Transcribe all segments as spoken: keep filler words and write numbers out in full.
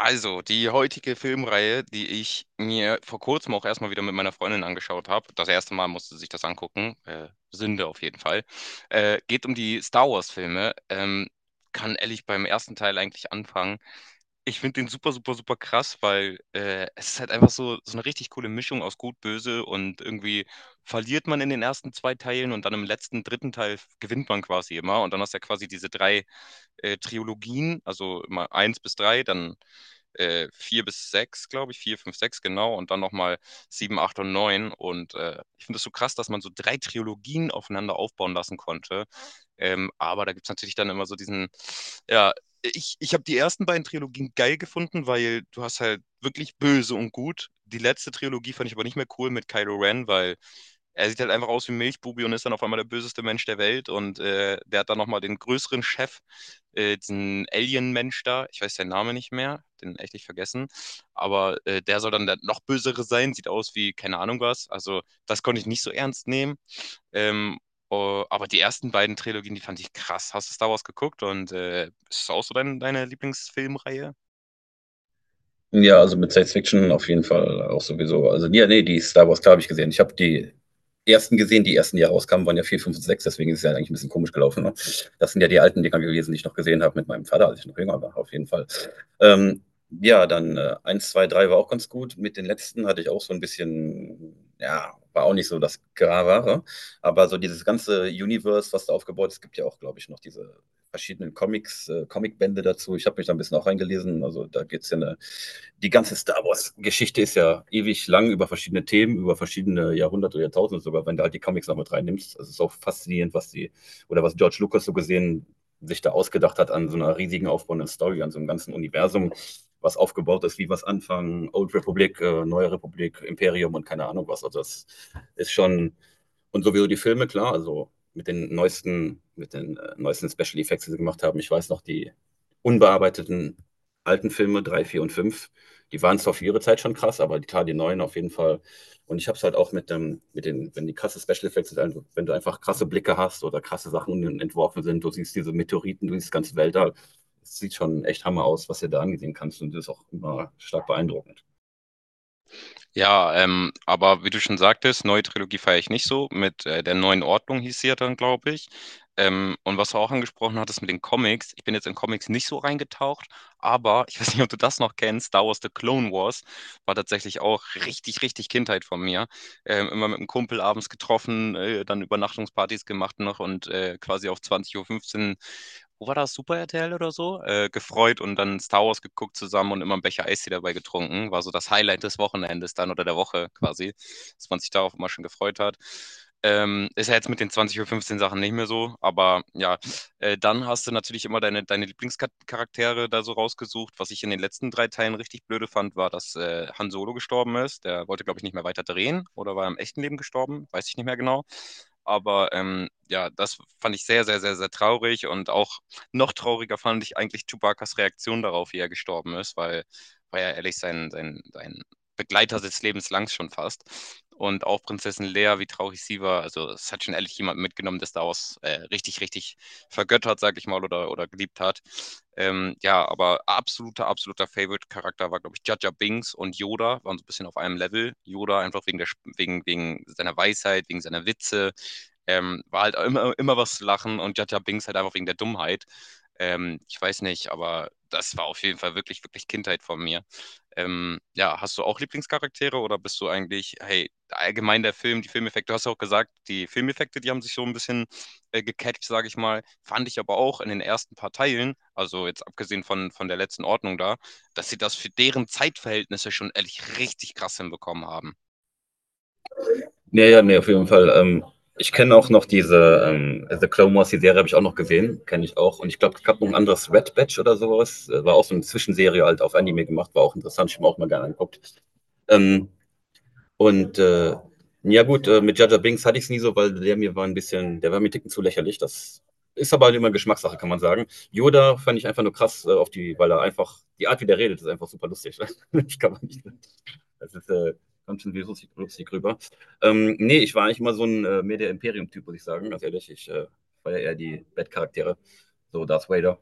Also, die heutige Filmreihe, die ich mir vor kurzem auch erstmal wieder mit meiner Freundin angeschaut habe, das erste Mal musste sie sich das angucken, äh, Sünde auf jeden Fall, äh, geht um die Star Wars-Filme. Ähm, kann ehrlich beim ersten Teil eigentlich anfangen. Ich finde den super, super, super krass, weil äh, es ist halt einfach so, so eine richtig coole Mischung aus Gut, Böse, und irgendwie verliert man in den ersten zwei Teilen und dann im letzten, dritten Teil gewinnt man quasi immer. Und dann hast du ja quasi diese drei äh, Trilogien, also immer eins bis drei, dann äh, vier bis sechs, glaube ich, vier fünf sechs, genau, und dann nochmal sieben acht und neun, und äh, ich finde es so krass, dass man so drei Trilogien aufeinander aufbauen lassen konnte. Ähm, aber da gibt es natürlich dann immer so diesen, ja, ich, ich habe die ersten beiden Trilogien geil gefunden, weil du hast halt wirklich böse und gut. Die letzte Trilogie fand ich aber nicht mehr cool mit Kylo Ren, weil er sieht halt einfach aus wie ein Milchbubi und ist dann auf einmal der böseste Mensch der Welt. Und äh, der hat dann nochmal den größeren Chef, äh, diesen Alien-Mensch da. Ich weiß seinen Namen nicht mehr, den echt nicht vergessen. Aber äh, der soll dann der noch bösere sein, sieht aus wie keine Ahnung was. Also, das konnte ich nicht so ernst nehmen. Ähm, oh, aber die ersten beiden Trilogien, die fand ich krass. Hast du Star Wars geguckt und äh, ist das auch so dein, deine Lieblingsfilmreihe? Ja, also mit Science Fiction auf jeden Fall auch sowieso. Also, ja, nee, die Star Wars, klar, habe ich gesehen. Ich habe die ersten gesehen, die ersten, die rauskamen, waren ja vier, fünf, und sechs, deswegen ist es ja eigentlich ein bisschen komisch gelaufen. Ne? Das sind ja die alten Dinger gewesen, die ich noch gesehen habe mit meinem Vater, als ich noch jünger war, auf jeden Fall. Ähm, ja, dann äh, eins, zwei, drei war auch ganz gut. Mit den letzten hatte ich auch so ein bisschen, ja, war auch nicht so das Gravere. Aber so dieses ganze Universe, was da aufgebaut ist, gibt ja auch, glaube ich, noch diese verschiedenen Comics, äh, Comicbände dazu. Ich habe mich da ein bisschen auch reingelesen. Also da geht es ja eine, die ganze Star Wars-Geschichte ist ja ewig lang über verschiedene Themen, über verschiedene Jahrhunderte oder Jahrtausende sogar, wenn du halt die Comics noch mit reinnimmst. Also, es ist auch faszinierend, was die, oder was George Lucas so gesehen, sich da ausgedacht hat an so einer riesigen aufbauenden Story, an so einem ganzen Universum, was aufgebaut ist, wie was anfangen, Old Republic, äh, Neue Republik, Imperium und keine Ahnung was. Also das ist schon, und sowieso die Filme, klar, also mit den neuesten, mit den äh, neuesten Special Effects, die sie gemacht haben. Ich weiß noch, die unbearbeiteten alten Filme, drei vier und fünf, die waren zwar für ihre Zeit schon krass, aber die, klar, die neuen auf jeden Fall. Und ich habe es halt auch mit, dem, mit den, wenn die krasse Special Effects sind, also wenn du einfach krasse Blicke hast oder krasse Sachen entworfen sind, du siehst diese Meteoriten, du siehst das ganze Wälder, es sieht schon echt Hammer aus, was du da ansehen kannst, und das ist auch immer stark beeindruckend. Ja, ähm, aber wie du schon sagtest, neue Trilogie feiere ich nicht so. Mit äh, der neuen Ordnung hieß sie ja dann, glaube ich. Ähm, und was du auch angesprochen hattest mit den Comics, ich bin jetzt in Comics nicht so reingetaucht, aber ich weiß nicht, ob du das noch kennst. Star Wars The Clone Wars war tatsächlich auch richtig, richtig Kindheit von mir. Ähm, immer mit einem Kumpel abends getroffen, äh, dann Übernachtungspartys gemacht noch und äh, quasi auf 20.15 Uhr fünfzehn, wo war das, Super R T L oder so, äh, gefreut und dann Star Wars geguckt zusammen und immer einen Becher Eistee dabei getrunken. War so das Highlight des Wochenendes dann oder der Woche quasi, dass man sich darauf immer schon gefreut hat. Ähm, ist ja jetzt mit den 20.15 Uhr fünfzehn Sachen nicht mehr so, aber ja, äh, dann hast du natürlich immer deine, deine Lieblingscharaktere da so rausgesucht. Was ich in den letzten drei Teilen richtig blöde fand, war, dass äh, Han Solo gestorben ist. Der wollte, glaube ich, nicht mehr weiter drehen oder war im echten Leben gestorben, weiß ich nicht mehr genau. Aber ähm, ja, das fand ich sehr, sehr, sehr, sehr traurig, und auch noch trauriger fand ich eigentlich Chewbacas Reaktion darauf, wie er gestorben ist, weil war ja ehrlich sein, sein, sein Begleiter des Lebens lang schon fast. Und auch Prinzessin Leia, wie traurig sie war. Also, es hat schon ehrlich jemand mitgenommen, der Star Wars äh, richtig, richtig vergöttert, sag ich mal, oder, oder geliebt hat. Ähm, ja, aber absoluter, absoluter Favorite-Charakter war, glaube ich, Jar Jar Binks und Yoda waren so ein bisschen auf einem Level. Yoda einfach wegen, der, wegen, wegen seiner Weisheit, wegen seiner Witze. Ähm, war halt immer, immer was zu lachen und Jar Jar Binks halt einfach wegen der Dummheit. Ähm, ich weiß nicht, aber das war auf jeden Fall wirklich, wirklich Kindheit von mir. Ähm, ja, hast du auch Lieblingscharaktere oder bist du eigentlich, hey, allgemein der Film, die Filmeffekte, du hast ja auch gesagt, die Filmeffekte, die haben sich so ein bisschen äh, gecatcht, sage ich mal, fand ich aber auch in den ersten paar Teilen, also jetzt abgesehen von, von der letzten Ordnung da, dass sie das für deren Zeitverhältnisse schon ehrlich richtig krass hinbekommen haben. Ja, ja, nee, auf jeden Fall. Ähm, ich kenne auch noch diese ähm, The Clone Wars, die Serie habe ich auch noch gesehen, kenne ich auch. Und ich glaube, es gab noch ein anderes Red Batch oder sowas. Äh, War auch so eine Zwischenserie halt auf Anime gemacht, war auch interessant, ich habe mir auch mal gerne angeguckt. Ähm, und äh, ja gut, äh, mit Jaja Binks hatte ich es nie so, weil der mir war ein bisschen, der war mir einen ticken zu lächerlich. Das ist aber halt immer Geschmackssache, kann man sagen. Yoda fand ich einfach nur krass äh, auf die, weil er einfach, die Art, wie der redet, ist einfach super lustig. Ich kann man nicht. Das ist, äh, kommt schon lustig, lustig rüber. Ähm, nee, ich war eigentlich immer so ein äh, mehr der Imperium-Typ, muss ich sagen. Ganz ehrlich, ich äh, war ja eher die Bad-Charaktere, so Darth Vader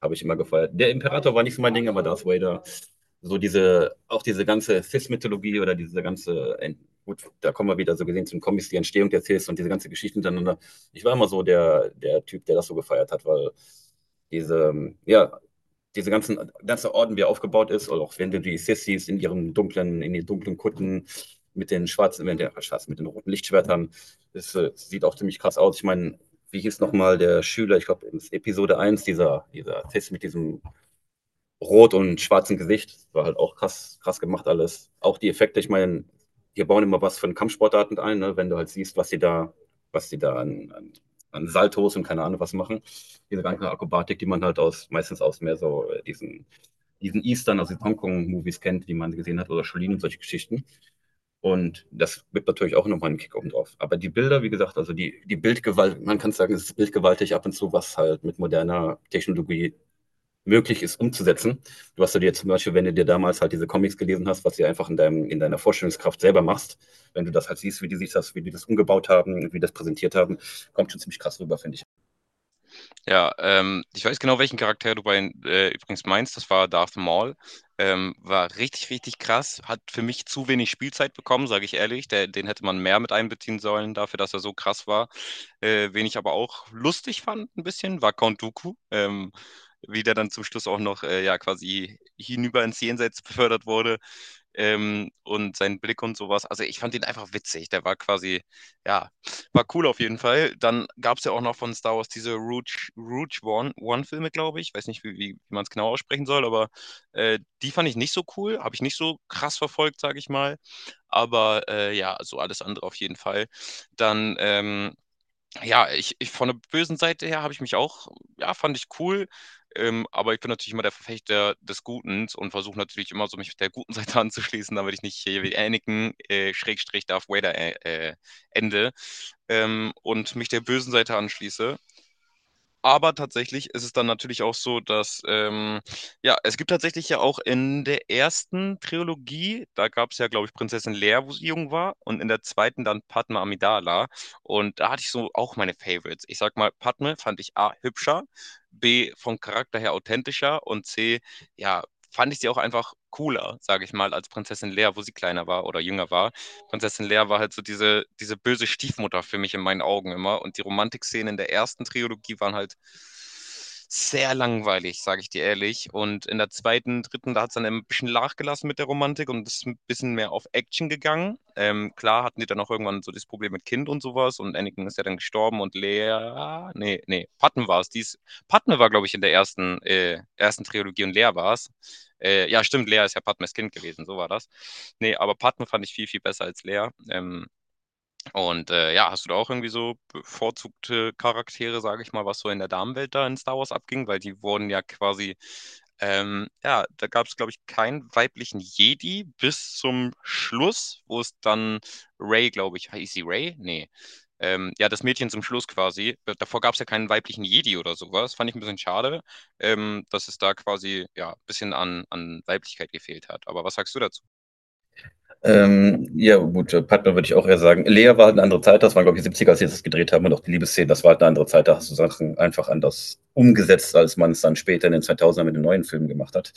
habe ich immer gefeiert. Der Imperator war nicht so mein Ding, aber Darth Vader. So diese, auch diese ganze Sith-Mythologie oder diese ganze, Ent- gut, da kommen wir wieder so gesehen zum Comics, die Entstehung der Sith und diese ganze Geschichte miteinander. Ich war immer so der, der Typ, der das so gefeiert hat, weil diese, ähm, ja, diese ganzen, ganze Orden, wie er aufgebaut ist, oder auch wenn du die Sissis in ihren dunklen, in den dunklen Kutten mit den schwarzen, mit den, schwarzen, mit den roten Lichtschwertern, das, äh, sieht auch ziemlich krass aus. Ich meine, wie hieß nochmal der Schüler, ich glaube, in Episode eins dieser, dieser Test mit diesem rot und schwarzem Gesicht. Das war halt auch krass, krass gemacht alles. Auch die Effekte, ich meine, wir bauen immer was von Kampfsportarten ein, ne? Wenn du halt siehst, was die da, was die da an, an, an Saltos und keine Ahnung was machen. Diese ganze Akrobatik, die man halt aus, meistens aus mehr so äh, diesen, diesen Eastern, also die Hongkong-Movies kennt, die man gesehen hat, oder Shaolin und solche Geschichten. Und das gibt natürlich auch nochmal einen Kick oben drauf. Aber die Bilder, wie gesagt, also die, die Bildgewalt, man kann sagen, es ist bildgewaltig ab und zu, was halt mit moderner Technologie möglich ist umzusetzen. Was, du hast ja dir zum Beispiel, wenn du dir damals halt diese Comics gelesen hast, was du einfach in, deinem, in deiner Vorstellungskraft selber machst, wenn du das halt siehst, wie die sich das, wie die das umgebaut haben, wie die das präsentiert haben, kommt schon ziemlich krass rüber, finde ich. Ja, ähm, ich weiß genau, welchen Charakter du bei, äh, übrigens meinst. Das war Darth Maul. Ähm, war richtig, richtig krass. Hat für mich zu wenig Spielzeit bekommen, sage ich ehrlich. Der, den hätte man mehr mit einbeziehen sollen, dafür, dass er so krass war. Äh, wen ich aber auch lustig fand, ein bisschen, war Count Dooku. Ähm, wie der dann zum Schluss auch noch äh, ja, quasi hinüber ins Jenseits befördert wurde, ähm, und sein Blick und sowas. Also ich fand ihn einfach witzig. Der war quasi, ja, war cool auf jeden Fall. Dann gab es ja auch noch von Star Wars diese Rouge, Rouge One, One-Filme, glaube ich. Weiß nicht, wie, wie, wie man es genau aussprechen soll, aber äh, die fand ich nicht so cool. Habe ich nicht so krass verfolgt, sage ich mal. Aber äh, ja, so alles andere auf jeden Fall. Dann ähm, ja, ich ich von der bösen Seite her habe ich mich auch, ja, fand ich cool, ähm, aber ich bin natürlich immer der Verfechter des Guten und versuche natürlich immer so, mich der guten Seite anzuschließen, damit ich nicht hier wie Anakin, äh, Schrägstrich Darth Vader, äh, äh, ende, ähm, und mich der bösen Seite anschließe. Aber tatsächlich ist es dann natürlich auch so, dass, ähm, ja, es gibt tatsächlich ja auch in der ersten Trilogie, da gab es ja, glaube ich, Prinzessin Leia, wo sie jung war, und in der zweiten dann Padme Amidala. Und da hatte ich so auch meine Favorites. Ich sag mal, Padme fand ich A, hübscher, B, vom Charakter her authentischer und C, ja, fand ich sie auch einfach cooler, sage ich mal, als Prinzessin Leia, wo sie kleiner war oder jünger war. Prinzessin Leia war halt so diese, diese böse Stiefmutter für mich in meinen Augen immer. Und die Romantikszenen in der ersten Trilogie waren halt sehr langweilig, sage ich dir ehrlich. Und in der zweiten, dritten, da hat es dann ein bisschen nachgelassen mit der Romantik und ist ein bisschen mehr auf Action gegangen. Ähm, klar hatten die dann auch irgendwann so das Problem mit Kind und sowas, und Anakin ist ja dann gestorben und Leia, nee, nee, Patten war es, die ist Padme war, glaube ich, in der ersten, äh, ersten Trilogie und Lea war es. Äh, ja, stimmt, Lea ist ja Padmes Kind gewesen, so war das. Nee, aber Padme fand ich viel, viel besser als Lea. Ähm, und äh, ja, hast du da auch irgendwie so bevorzugte Charaktere, sage ich mal, was so in der Damenwelt da in Star Wars abging? Weil die wurden ja quasi, ähm, ja, da gab es, glaube ich, keinen weiblichen Jedi bis zum Schluss, wo es dann Rey, glaube ich, hieß sie Rey? Nee. Ähm, ja, das Mädchen zum Schluss quasi. Davor gab es ja keinen weiblichen Jedi oder sowas. Fand ich ein bisschen schade, ähm, dass es da quasi ja ein bisschen an, an Weiblichkeit gefehlt hat. Aber was sagst du dazu? Ähm, ja, gut, äh, Padme würde ich auch eher sagen. Lea war halt eine andere Zeit, das waren, glaube ich, die siebziger als sie das gedreht haben, und auch die Liebesszenen, das war halt eine andere Zeit, da hast du Sachen einfach anders umgesetzt, als man es dann später in den zweitausendern mit den neuen Filmen gemacht hat.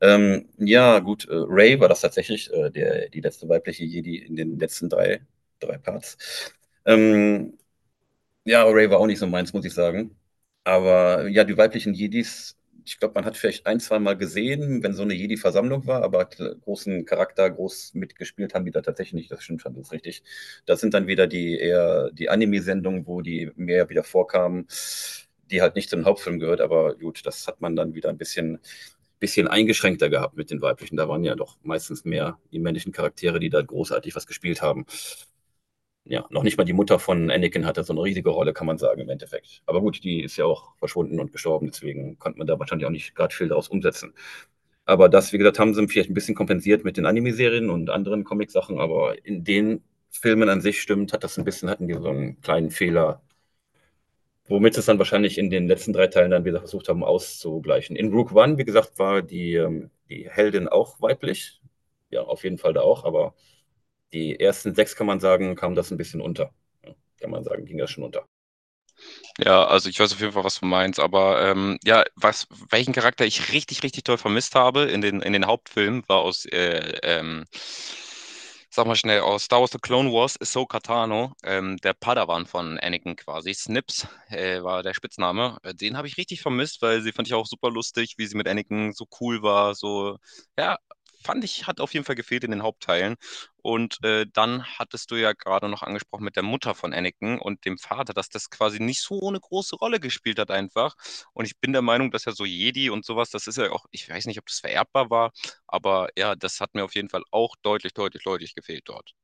Ähm, ja, gut, äh, Ray war das tatsächlich, äh, der, die letzte weibliche Jedi in den letzten drei, drei Parts. Ähm, ja, Ray war auch nicht so meins, muss ich sagen. Aber ja, die weiblichen Jedis, ich glaube, man hat vielleicht ein, zwei Mal gesehen, wenn so eine Jedi-Versammlung war, aber kl- großen Charakter, groß mitgespielt haben die da tatsächlich nicht. Das stimmt schon, das ist richtig. Das sind dann wieder die eher die Anime-Sendungen, wo die mehr wieder vorkamen, die halt nicht zum Hauptfilm gehört, aber gut, das hat man dann wieder ein bisschen, bisschen eingeschränkter gehabt mit den weiblichen. Da waren ja doch meistens mehr die männlichen Charaktere, die da großartig was gespielt haben. Ja, noch nicht mal die Mutter von Anakin hatte so eine riesige Rolle, kann man sagen, im Endeffekt. Aber gut, die ist ja auch verschwunden und gestorben, deswegen konnte man da wahrscheinlich auch nicht gerade viel daraus umsetzen. Aber das, wie gesagt, haben sie vielleicht ein bisschen kompensiert mit den Anime-Serien und anderen Comic-Sachen, aber in den Filmen an sich stimmt, hat das ein bisschen, hatten die so einen kleinen Fehler, womit sie es dann wahrscheinlich in den letzten drei Teilen dann wieder versucht haben auszugleichen. In Rogue One, wie gesagt, war die, ähm, die Heldin auch weiblich. Ja, auf jeden Fall da auch, aber die ersten sechs, kann man sagen, kam das ein bisschen unter. Ja, kann man sagen, ging das schon unter. Ja, also ich weiß auf jeden Fall, was du meinst, aber ähm, ja, was, welchen Charakter ich richtig, richtig toll vermisst habe in den, in den Hauptfilmen, war aus, äh, ähm, sag mal schnell, aus Star Wars The Clone Wars, Ahsoka Tano, ähm, der Padawan von Anakin quasi, Snips äh, war der Spitzname. Äh, Den habe ich richtig vermisst, weil sie fand ich auch super lustig, wie sie mit Anakin so cool war, so, ja, fand ich, hat auf jeden Fall gefehlt in den Hauptteilen. Und äh, dann hattest du ja gerade noch angesprochen mit der Mutter von Anakin und dem Vater, dass das quasi nicht so eine große Rolle gespielt hat einfach. Und ich bin der Meinung, dass ja so Jedi und sowas, das ist ja auch, ich weiß nicht, ob das vererbbar war, aber ja, das hat mir auf jeden Fall auch deutlich, deutlich, deutlich gefehlt dort.